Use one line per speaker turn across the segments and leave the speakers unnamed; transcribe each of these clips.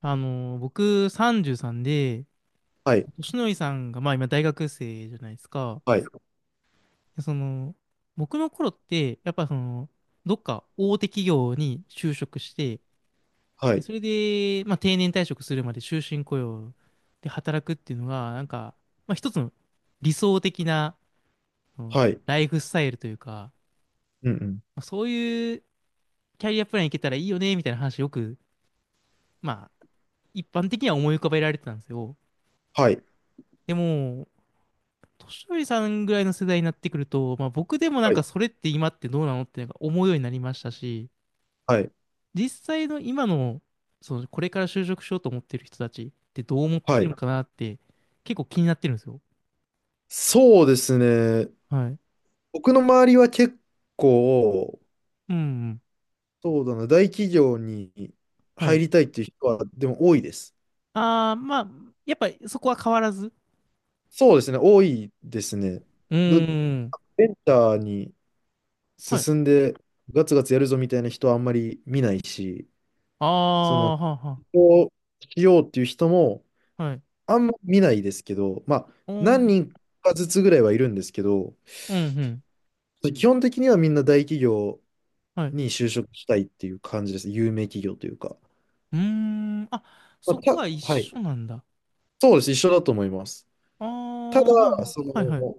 あの、僕33で、
はい、
としのりさんが、まあ今大学生じゃないですか。
はい、
でその、僕の頃って、やっぱその、どっか大手企業に就職して、
は
で
い、
それで、まあ定年退職するまで終身雇用で働くっていうのが、なんか、まあ一つの理想的な、その
はい、
ライフスタイルというか、
うんうん、
まあ、そういうキャリアプランいけたらいいよね、みたいな話よく、まあ一般的には思い浮かべられてたんですよ。
はい、
でも、年寄りさんぐらいの世代になってくると、まあ、僕でもなん
はい、
かそれって今ってどうなのってなんか思うようになりましたし、
はい、
実際の今の、そのこれから就職しようと思ってる人たちってどう思って
はい。
るのかなって結構気になってるんですよ。
そうですね。
はい。
僕の周りは結構、
うんうん。
そうだな、大企業に
は
入
い。
りたいっていう人は、でも多いです。
ああ、まあ、やっぱりそこは変わらず。
そうですね、多いですね。
う
ど、
ーん。
ベンチャーに
はい。
進んで、ガツガツやるぞみたいな人はあんまり見ないし、
あ
そ
あ、
の、起
はあは
業しようっていう人も、
あ。はい。
あんま見ないですけど、まあ、
お
何
ー。
人かずつぐらいはいるんですけど、
うんうん。
基本的にはみんな大企業
はい。う
に就職したいっていう感じです。有名企業というか。
ーん。あ、
まあ、
そこは一
はい。
緒なんだ。
そうです。一緒だと思います。
あ
た
あ、はあ
だ、
は
そ
あはいはい。
の、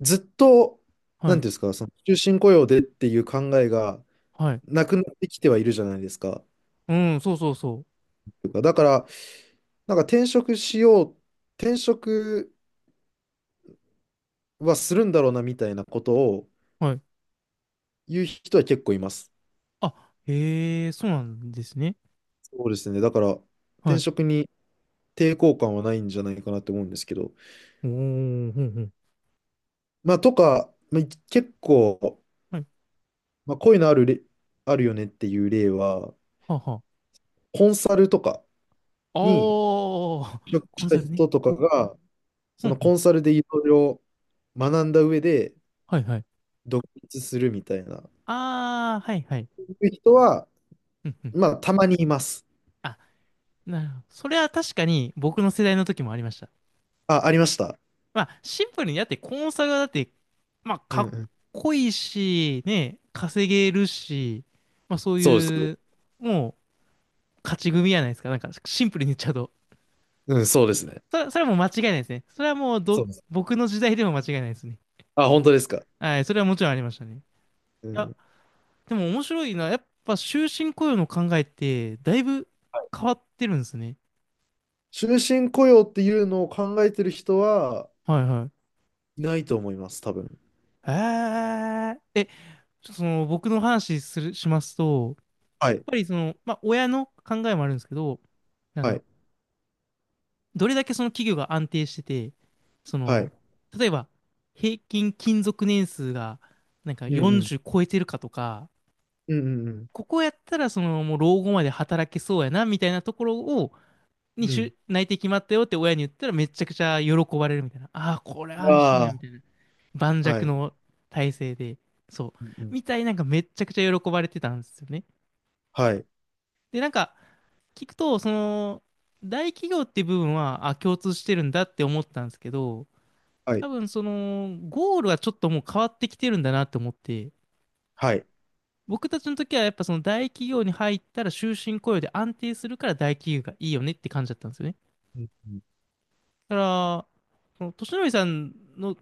ずっと、
は
なんて
い。
いうんですか、その、終身雇用でっていう考えが
はい。
なくなってきてはいるじゃないですか。
うん、そうそうそ
というかだから、なんか転職しよう、転職はするんだろうなみたいなことを
う。はい。
言う人は結構います。
あ、へえ、そうなんですね。
そうですね。だから、
は
転
い。
職に抵抗感はないんじゃないかなって思うんですけど。
おー、ほんほん。
まあ、とか、まあ、結構、
はい。
まあ、こういうのあるれ、あるよねっていう例は、
はあはあ。
コンサルとかに
おー、
就職
コ
し
ン
た
サルね。
人とかが、
ほ
そ
ん
の
ほ
コ
ん。
ンサルでいろいろ学んだ上で
はいはい。
独立するみたいな、
あー、はいはい。
いう人は、
うんうん。
まあ、たまにいます。
あ、なるほど。それは確かに僕の世代の時もありました。
あ、ありました。
まあ、シンプルに、だってコンサルはだって、まあ、
う
か
んう
っ
ん。
こいいし、ね、稼げるし、まあそう
そうで
い
す。
う、もう、勝ち組やないですか。なんか、シンプルに言っちゃうと。
うん、そうですね。
それ、それはもう間違いないですね。それはもう
そう
ど、
です。
僕の時代でも間違いないですね。
あ、本当ですか。
はい、それはもちろんありましたね。い
う
や、
ん。
でも面白いな。やっぱ終身雇用の考えって、だいぶ変わってるんですね。
終身雇用っていうのを考えてる人は
はいはい。
いないと思います、多分。
えちょっとその、僕の話する、しますと、
は
やっ
い、
ぱりその、まあ、親の考えもあるんですけど、なん
は
だろ
い、
う、どれだけその企業が安定してて、そ
は
の、
い。
例えば、平均勤続年数が、なんか
うんうん。
40超えてるかとか、
うんうんうん。
ここやったら、その、もう老後まで働けそうやな、みたいなところを、に
うん、
し内定決まったよって親に言ったらめちゃくちゃ喜ばれるみたいな。ああ、これ安心や、みた
あ
いな。盤
あ、は
石
い。
の体制で。そう。
うんうん、
みたいなんかめちゃくちゃ喜ばれてたんですよね。
はい。
で、なんか、聞くと、その、大企業っていう部分は、あ、共通してるんだって思ったんですけど、
は
多
い。
分その、ゴールはちょっともう変わってきてるんだなって思って、
はい。
僕たちの時はやっぱその大企業に入ったら終身雇用で安定するから大企業がいいよねって感じだったんですよね。
うんうん、
だから、その、年寄さんの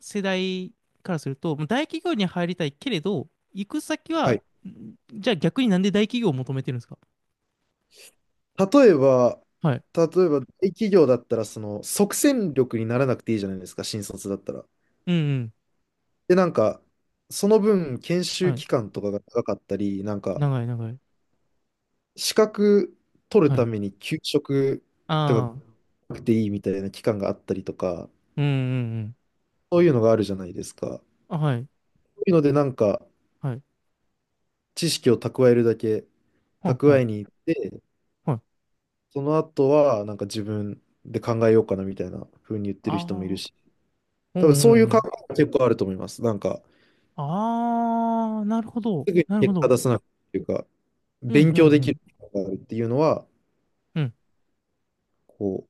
世代からすると、もう大企業に入りたいけれど、行く先
は
は、
い。
んじゃあ逆になんで大企業を求めてるんですか？
例えば、
はい。
例えば、大企業だったら、その、即戦力にならなくていいじゃないですか、新卒だったら。
うん
で、なんか、その分、研
うん。
修
はい。
期間とかが長かったり、なんか、
長い長い。
資格取る
は
た
い。
めに休職と
あ
か
あ。
なくていいみたいな期間があったりとか、
うんうんうん。
そういうのがあるじゃないですか。
あ、はい。
そういうので、なんか、
はい。
知識を蓄えるだけ、
はんは
蓄え
ん。
に行って、
はい。
その後は、なんか自分で考えようかなみたいな風に言ってる
あ
人もいる
あ。
し、
う
多分
んう
そうい
ん
う
う
考
ん。
えも結構あると思います。なんか、
ああ、なるほど。
すぐに
なるほ
結果
ど。
出さなくていうか、
うんうんう
勉強できる
ん。
っていうのは、
うん
こう、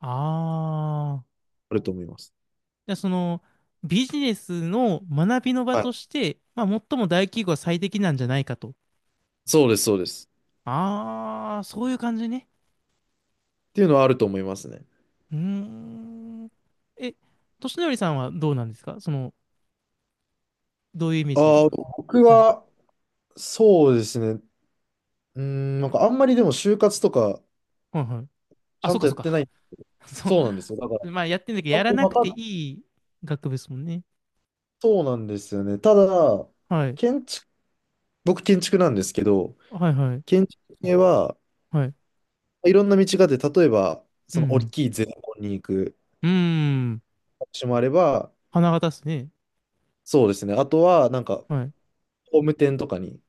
ああ。
あると思います。
じゃあその、ビジネスの学びの場
はい。
として、まあ、最も大企業は最適なんじゃないかと。
そうです、そうです。
ああ、そういう感じね。
っていうのはあると思いますね。
うーん。え、としのりさんはどうなんですか？その、どういうイメージです
ああ、
か？
僕
はい。
は、そうですね。うーん、なんかあんまりでも就活とか、
はいはい。
ち
あ、
ゃ
そ
ん
っ
と
か
や
そっ
ってな
か。
い。
そ
そうなんですよ。だから、
う。まあ、やってんだけど、
あん
や
ま
ら
り
な
分
く
か
て
っ
いい学部ですもんね。
そうなんですよね。ただ、
はい。
建築、僕建築なんですけど、
はいはい。
建築系は、
はい。
いろんな道があって、例えば、
う
その大
ん。
きいゼネコンに行く
うん。うーん。
道もあれば、
花形っすね。
そうですね。あとは、なんか、
はい。
工務店とかに、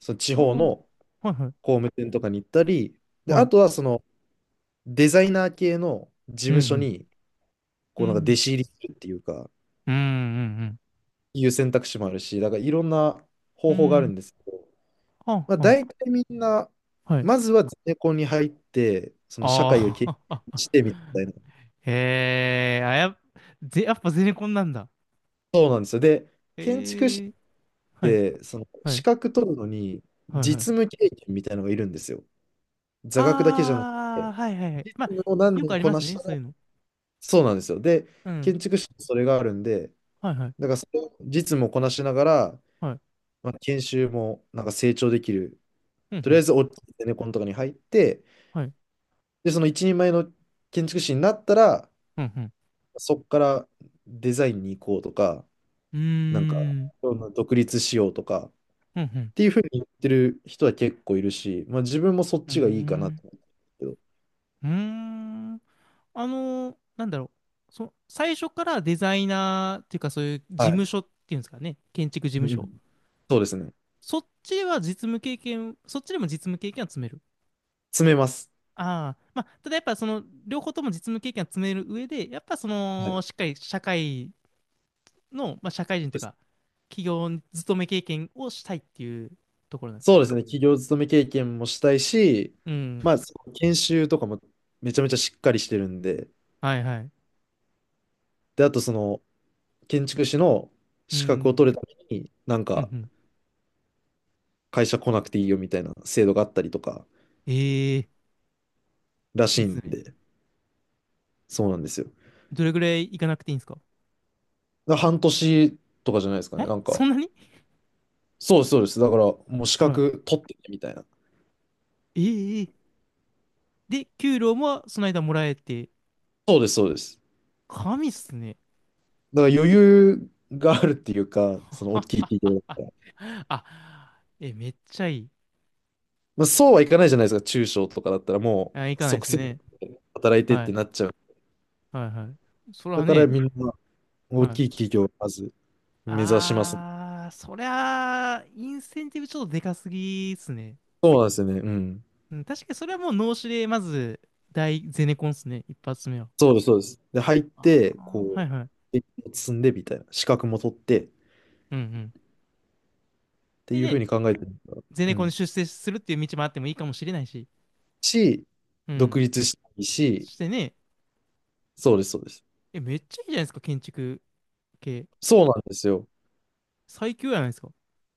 その地
ああ、
方
は
の
いはい。
工務店とかに行ったり、で、
は
あ
い。
とは、その、デザイナー系の事
うんう
務所
ん。
に、
う
こう、なんか弟
ん
子入りするっていうか、
うんうん
いう選択肢もあるし、だからいろんな
うん。
方法があ
う
るん
ん。
ですけど、
はん
まあ、
はん。
大体みんな、
はい。
まずはゼネコンに入って、その社会を経
あ
験し
あ。
てみたいな。
へえ、あ、やっ、ぜ、やっぱゼネコンなんだ。
そうなんですよ。で、建築士
ええ、はい、
で、その
は
資
い、
格取るのに
はい、は
実
い。
務経験みたいなのがいるんですよ。座学だけじゃなく
あ
て、
あ、はいはいはい。
実
まあ、
務を何
よく
年
あり
こ
ま
な
す
し
ね、
た
そ
ら、
ういうの。
そうなんですよ。で、
うん。
建築士にそれがあるんで、
はいはい、
だからそれを実務をこなしながら、
はい。
まあ、研修もなんか成長できる。
うん
と
う
りあえ
ん。
ず大きいゼネコンとかに入って、
はい。
で、その一人前の建築士になったら、
うんうん。
そこからデザインに行こうとか、
うー
なんか、
ん。
独立しようとか、
うんうん。
っていうふうに言ってる人は結構いるし、まあ自分もそっ
うー
ちがいいかなと
ん。
思うんですけど。
うーん。あのなんだろう。そ、最初からデザイナーっていうか、そういう事
はい。
務所っていうんですかね。建築事
う
務
んう
所。
ん。そうですね。
そっちでは実務経験、そっちでも実務経験は積める。
詰めます。
ああ、まあ、ただやっぱその、両方とも実務経験は積める上で、やっぱそ
はい。そ
の、しっかり社会の、まあ、社会人
う
とい
で
う
す
か、
ね。
企業勤め経験をしたいっていうところなんです
そう
ね。
ですね。企業勤め経験もしたいし、
うん。
まあ、その研修とかもめちゃめちゃしっかりしてるんで、
はいはい。
で、あとその建築士の
う
資格を
ん。
取るために、なん
うん
か
うん。
会社来なくていいよみたいな制度があったりとか
ええ、
ら
い
し
いっ
い
す
ん
ね。
で、そうなんですよ。
どれぐらい行かなくていいんですか？
だから半年とかじゃないですかね。
え
なんか、
そんなに
そうです、そうです。だからもう資
はい。
格取ってねみたいな。
ええ、で、給料もその間もらえて、
そうです、そうです。
神っすね。
だから余裕があるっていうか、その大
あ、
きい企業だったら。
あ、え、めっちゃいい。
まあ、そうはいかないじゃないですか、中小とかだったらも
あ、行
う
かないで
即
す
戦力
ね。
で働いてっ
は
て
い。
なっちゃう。
はいはい。それ
だ
は
から
ね、
みんな
は
大き
い。
い企業をまず目指します。
あー、そりゃあ、インセンティブちょっとでかすぎっすね。
そうなんですよね。うん。
うん、確かにそれはもう脳死で、まず、大ゼネコンっすね。一発目は。
そうです、そうです。で、入っ
あ
て、こ
ー、は
う、
いはい。
経験を積んでみたいな、資格も取ってっ
うんうん。
て
で
いうふう
ね、
に考えてるんだ。
ゼ
う
ネコンに
ん。
出世するっていう道もあってもいいかもしれないし。
し、
う
独
ん。
立したいし、
そしてね、
そうです、そうです。
え、めっちゃいいじゃないですか、建築系。
そうなんですよ。
最強じゃないですか。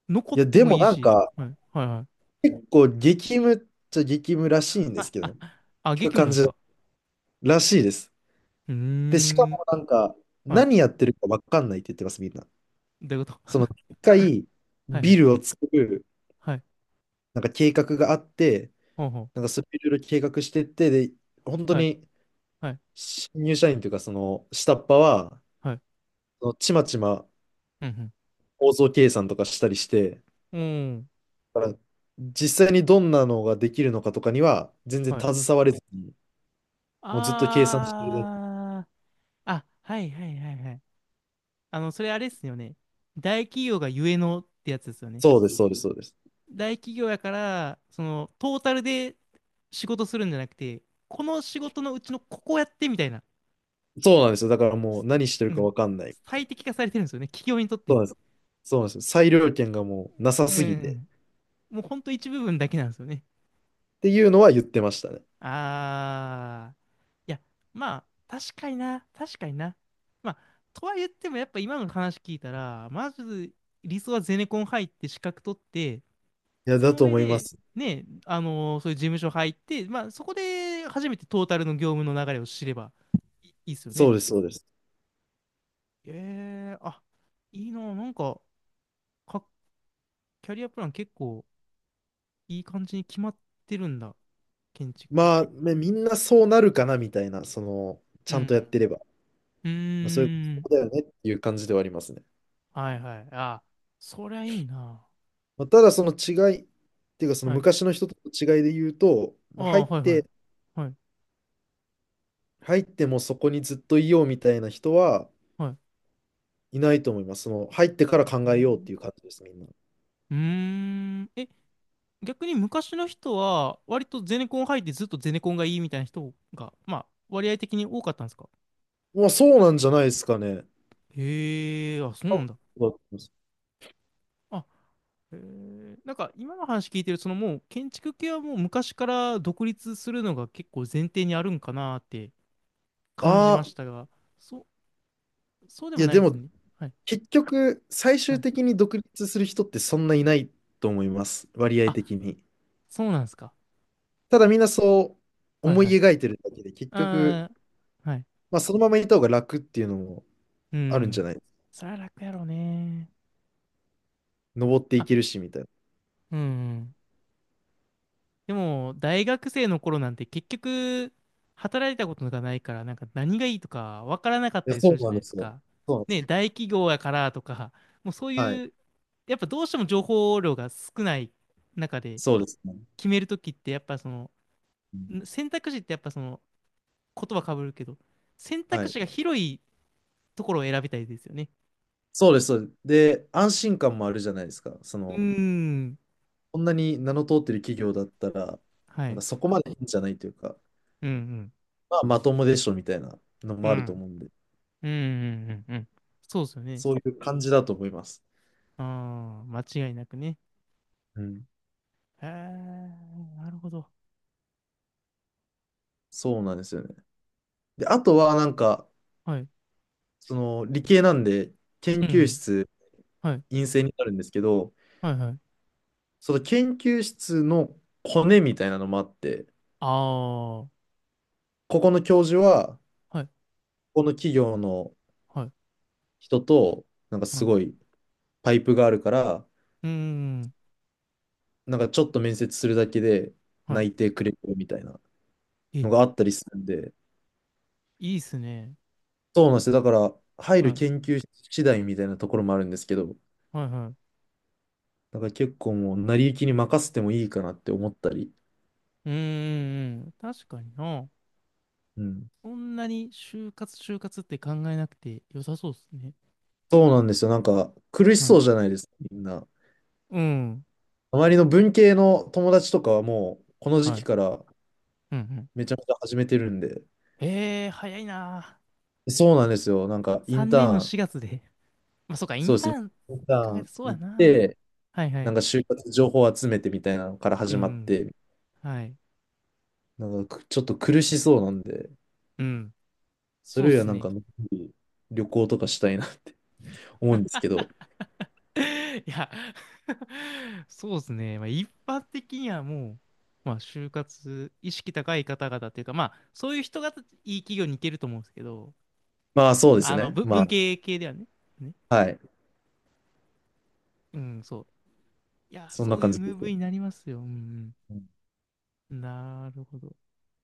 残っ
いや、
て
で
も
も
いい
なん
し。
か、
はいはいはい。
結構激務っちゃ激務らしいんで
あ、
すけど
あ、
ね。
あ
聞
激
く
務
感
なんで
じ
すか？
らしいです。
うー
で、しか
ん。
もなんか、
はい、
何やってるかわかんないって言ってます、みんな。
どういうこと？
その、一回、
はいはい。
ビルを作る、
はい。
なんか計画があって、
ほうほう。
なんかそれいろいろ計画してって、で、本当
はい。
に、
はい。
新入社員というか、その、下っ端は、
はい。
そのちまちま
うん
構造計算とかしたりして、
うん。うん。
だから実際にどんなのができるのかとかには、全然
はい。
携われずに、もうずっと計算してるだけ。
あー。あ、はいはいはいはい。あの、それあれっすよね。大企業がゆえのってやつですよね。
そうです、そうです、そうです。
大企業やから、その、トータルで仕事するんじゃなくて、この仕事のうちのここやってみたいな。
そうなんですよ。だからもう
す
何してる
う
か
ん。
わかんないみたい
最
な。
適化されてるんですよね。企業にとっ
そう
て。
なんです。そうなんですよ。裁量権がもうなさ
うんう
すぎて
ん
っ
うん。もうほんと一部分だけなんですよね。
ていうのは言ってましたね。
ああ、いや、まあ、確かにな、確かにな。まあ、とは言っても、やっぱ今の話聞いたら、まず理想はゼネコン入って資格取って、
いや、
そ
だ
の
と
上
思いま
で、
す。
ね、そういう事務所入って、まあ、そこで初めてトータルの業務の流れを知ればいいいっすよね。
そうです、そうです。
えー、あ、いいな、なんか、か、キャリアプラン結構いい感じに決まってるんだ、建築。
まあ、ね、みんなそうなるかなみたいな、その、ち
う
ゃんとやっ
ん
てれば。
うん。う
まあ、そういう
ーん。
ことだよねっていう感じではありますね。
はいはい。あ、そりゃいいな。
まあ、ただ、その違い、っていうか、その
はい。
昔の人との違いで言うと、
あ
もう入
あ、
っ
はいはい。
て、
はい、
入ってもそこにずっといようみたいな人は
はい。
いないと思います。その、入ってから考
う
えようっ
ん。
ていう感じです、みんな。
うーん。え、逆に昔の人は、割とゼネコン入ってずっとゼネコンがいいみたいな人が、まあ、割合的に多かったんですか？
まあ、そうなんじゃないですかね。
へえ、あ、そう
多
なん
分
だ。
そうだと思います。
あ、へえ。なんか、今の話聞いてる、そのもう、建築系はもう昔から独立するのが結構前提にあるんかなって感じ
あ
ま
あ、
したが、そ、そうで
い
も
や、
ない
で
んです
も、
ね。はい、
結局、最
は
終
い。
的に独立する人ってそんないないと思います。割合
あ、
的に。
そうなんですか？
ただ、みんなそう
はい
思い
はい。
描いてるだけで、結局、
ああ、はい。
まあ、そのままいた方が楽っていうのも
う
あるんじゃ
ん。
ない。
そりゃ楽やろうね。
登ってい
あ、
けるし、みたいな。
うん。でも、大学生の頃なんて結局、働いたことがないから、なんか何がいいとかわからなかっ
い
た
や、
りす
そ
る
う
じゃ
なん
ない
で
です
すよ。
か。
そうなんです
ね、
よ。
大企業やからとか、もうそう
はい。
いう、やっぱどうしても情報量が少ない中で
そうですね。
決めるときって、やっぱその、
うん。
ん選択肢ってやっぱその、言葉かぶるけど、選
は
択
い。
肢が広いところを選びたいですよね。
そうです。そうです。で、安心感もあるじゃないですか。そ
うー
の、
ん。
こんなに名の通ってる企業だったら、
は
なんか
い。
そこまでいいんじゃないというか。
うんうん。
まあ、まともでしょみたいなの
う
もあると
ん。
思うんで、
うんうんうんうん。そうですよね。
そういう感じだと思います。
ああ、間違いなくね。
うん。
へえ、なるほど。
そうなんですよね。で、あとはなんか、
はい。
その理系なんで、研
う
究
ん。
室
はい。
陰性になるんですけど、
はいはい。
その研究室のコネみたいなのもあって、
ああ、は
ここの教授は、
い。
この企業の
はい。
人と、なんか
は
す
い。
ごいパイプがあるから、
うーん。
なんかちょっと面接するだけで
は
内定くれるみたいな
い。え、
のがあったりするんで、
いいっすね。
そうなんですよ。だから、入
は
る
い。
研究室次第みたいなところもあるんですけど、
はいはい。
だから結構もう、成り行きに任せてもいいかなって思ったり。
うーん。確かにな。
うん。
そんなに就活就活って考えなくて良さそうっすね。
そうなんですよ。なんか、苦し
は
そ
い。
うじゃないですか、みんな。
うん。
周りの文系の友達とかはもう、この時
は
期
い。
から
うんうん。
めちゃめちゃ始めてるんで。
ええ、早いな。
そうなんですよ。なんか、イン
3
タ
年の
ーン、
4月で。まあ、そうか、イ
そ
ン
うで
タ
す。イ
ーン
ンター
考えて
ン
そうや
行っ
な。
て、
はいは
なん
い。
か就活情報集めてみたいなのから
う
始まっ
ん。
て、
はい。
なんかちょっと苦しそうなんで、
うん。
そ
そ
れ
う
よ
で
りは
す
なんか
ね。
のんびり旅行とかしたいな と思うんですけど、
いや そうですね。まあ、一般的にはもう、まあ、就活意識高い方々というか、まあ、そういう人がいい企業に行けると思うんですけど、
まあそうです
あの、
ね。
ぶ
ま
文系系ではね。ね。
あ、はい。
うん、そう。いや、
そん
そ
な
うい
感
う
じで
ムーブ
す。
になりますよ。うんうん。なるほど。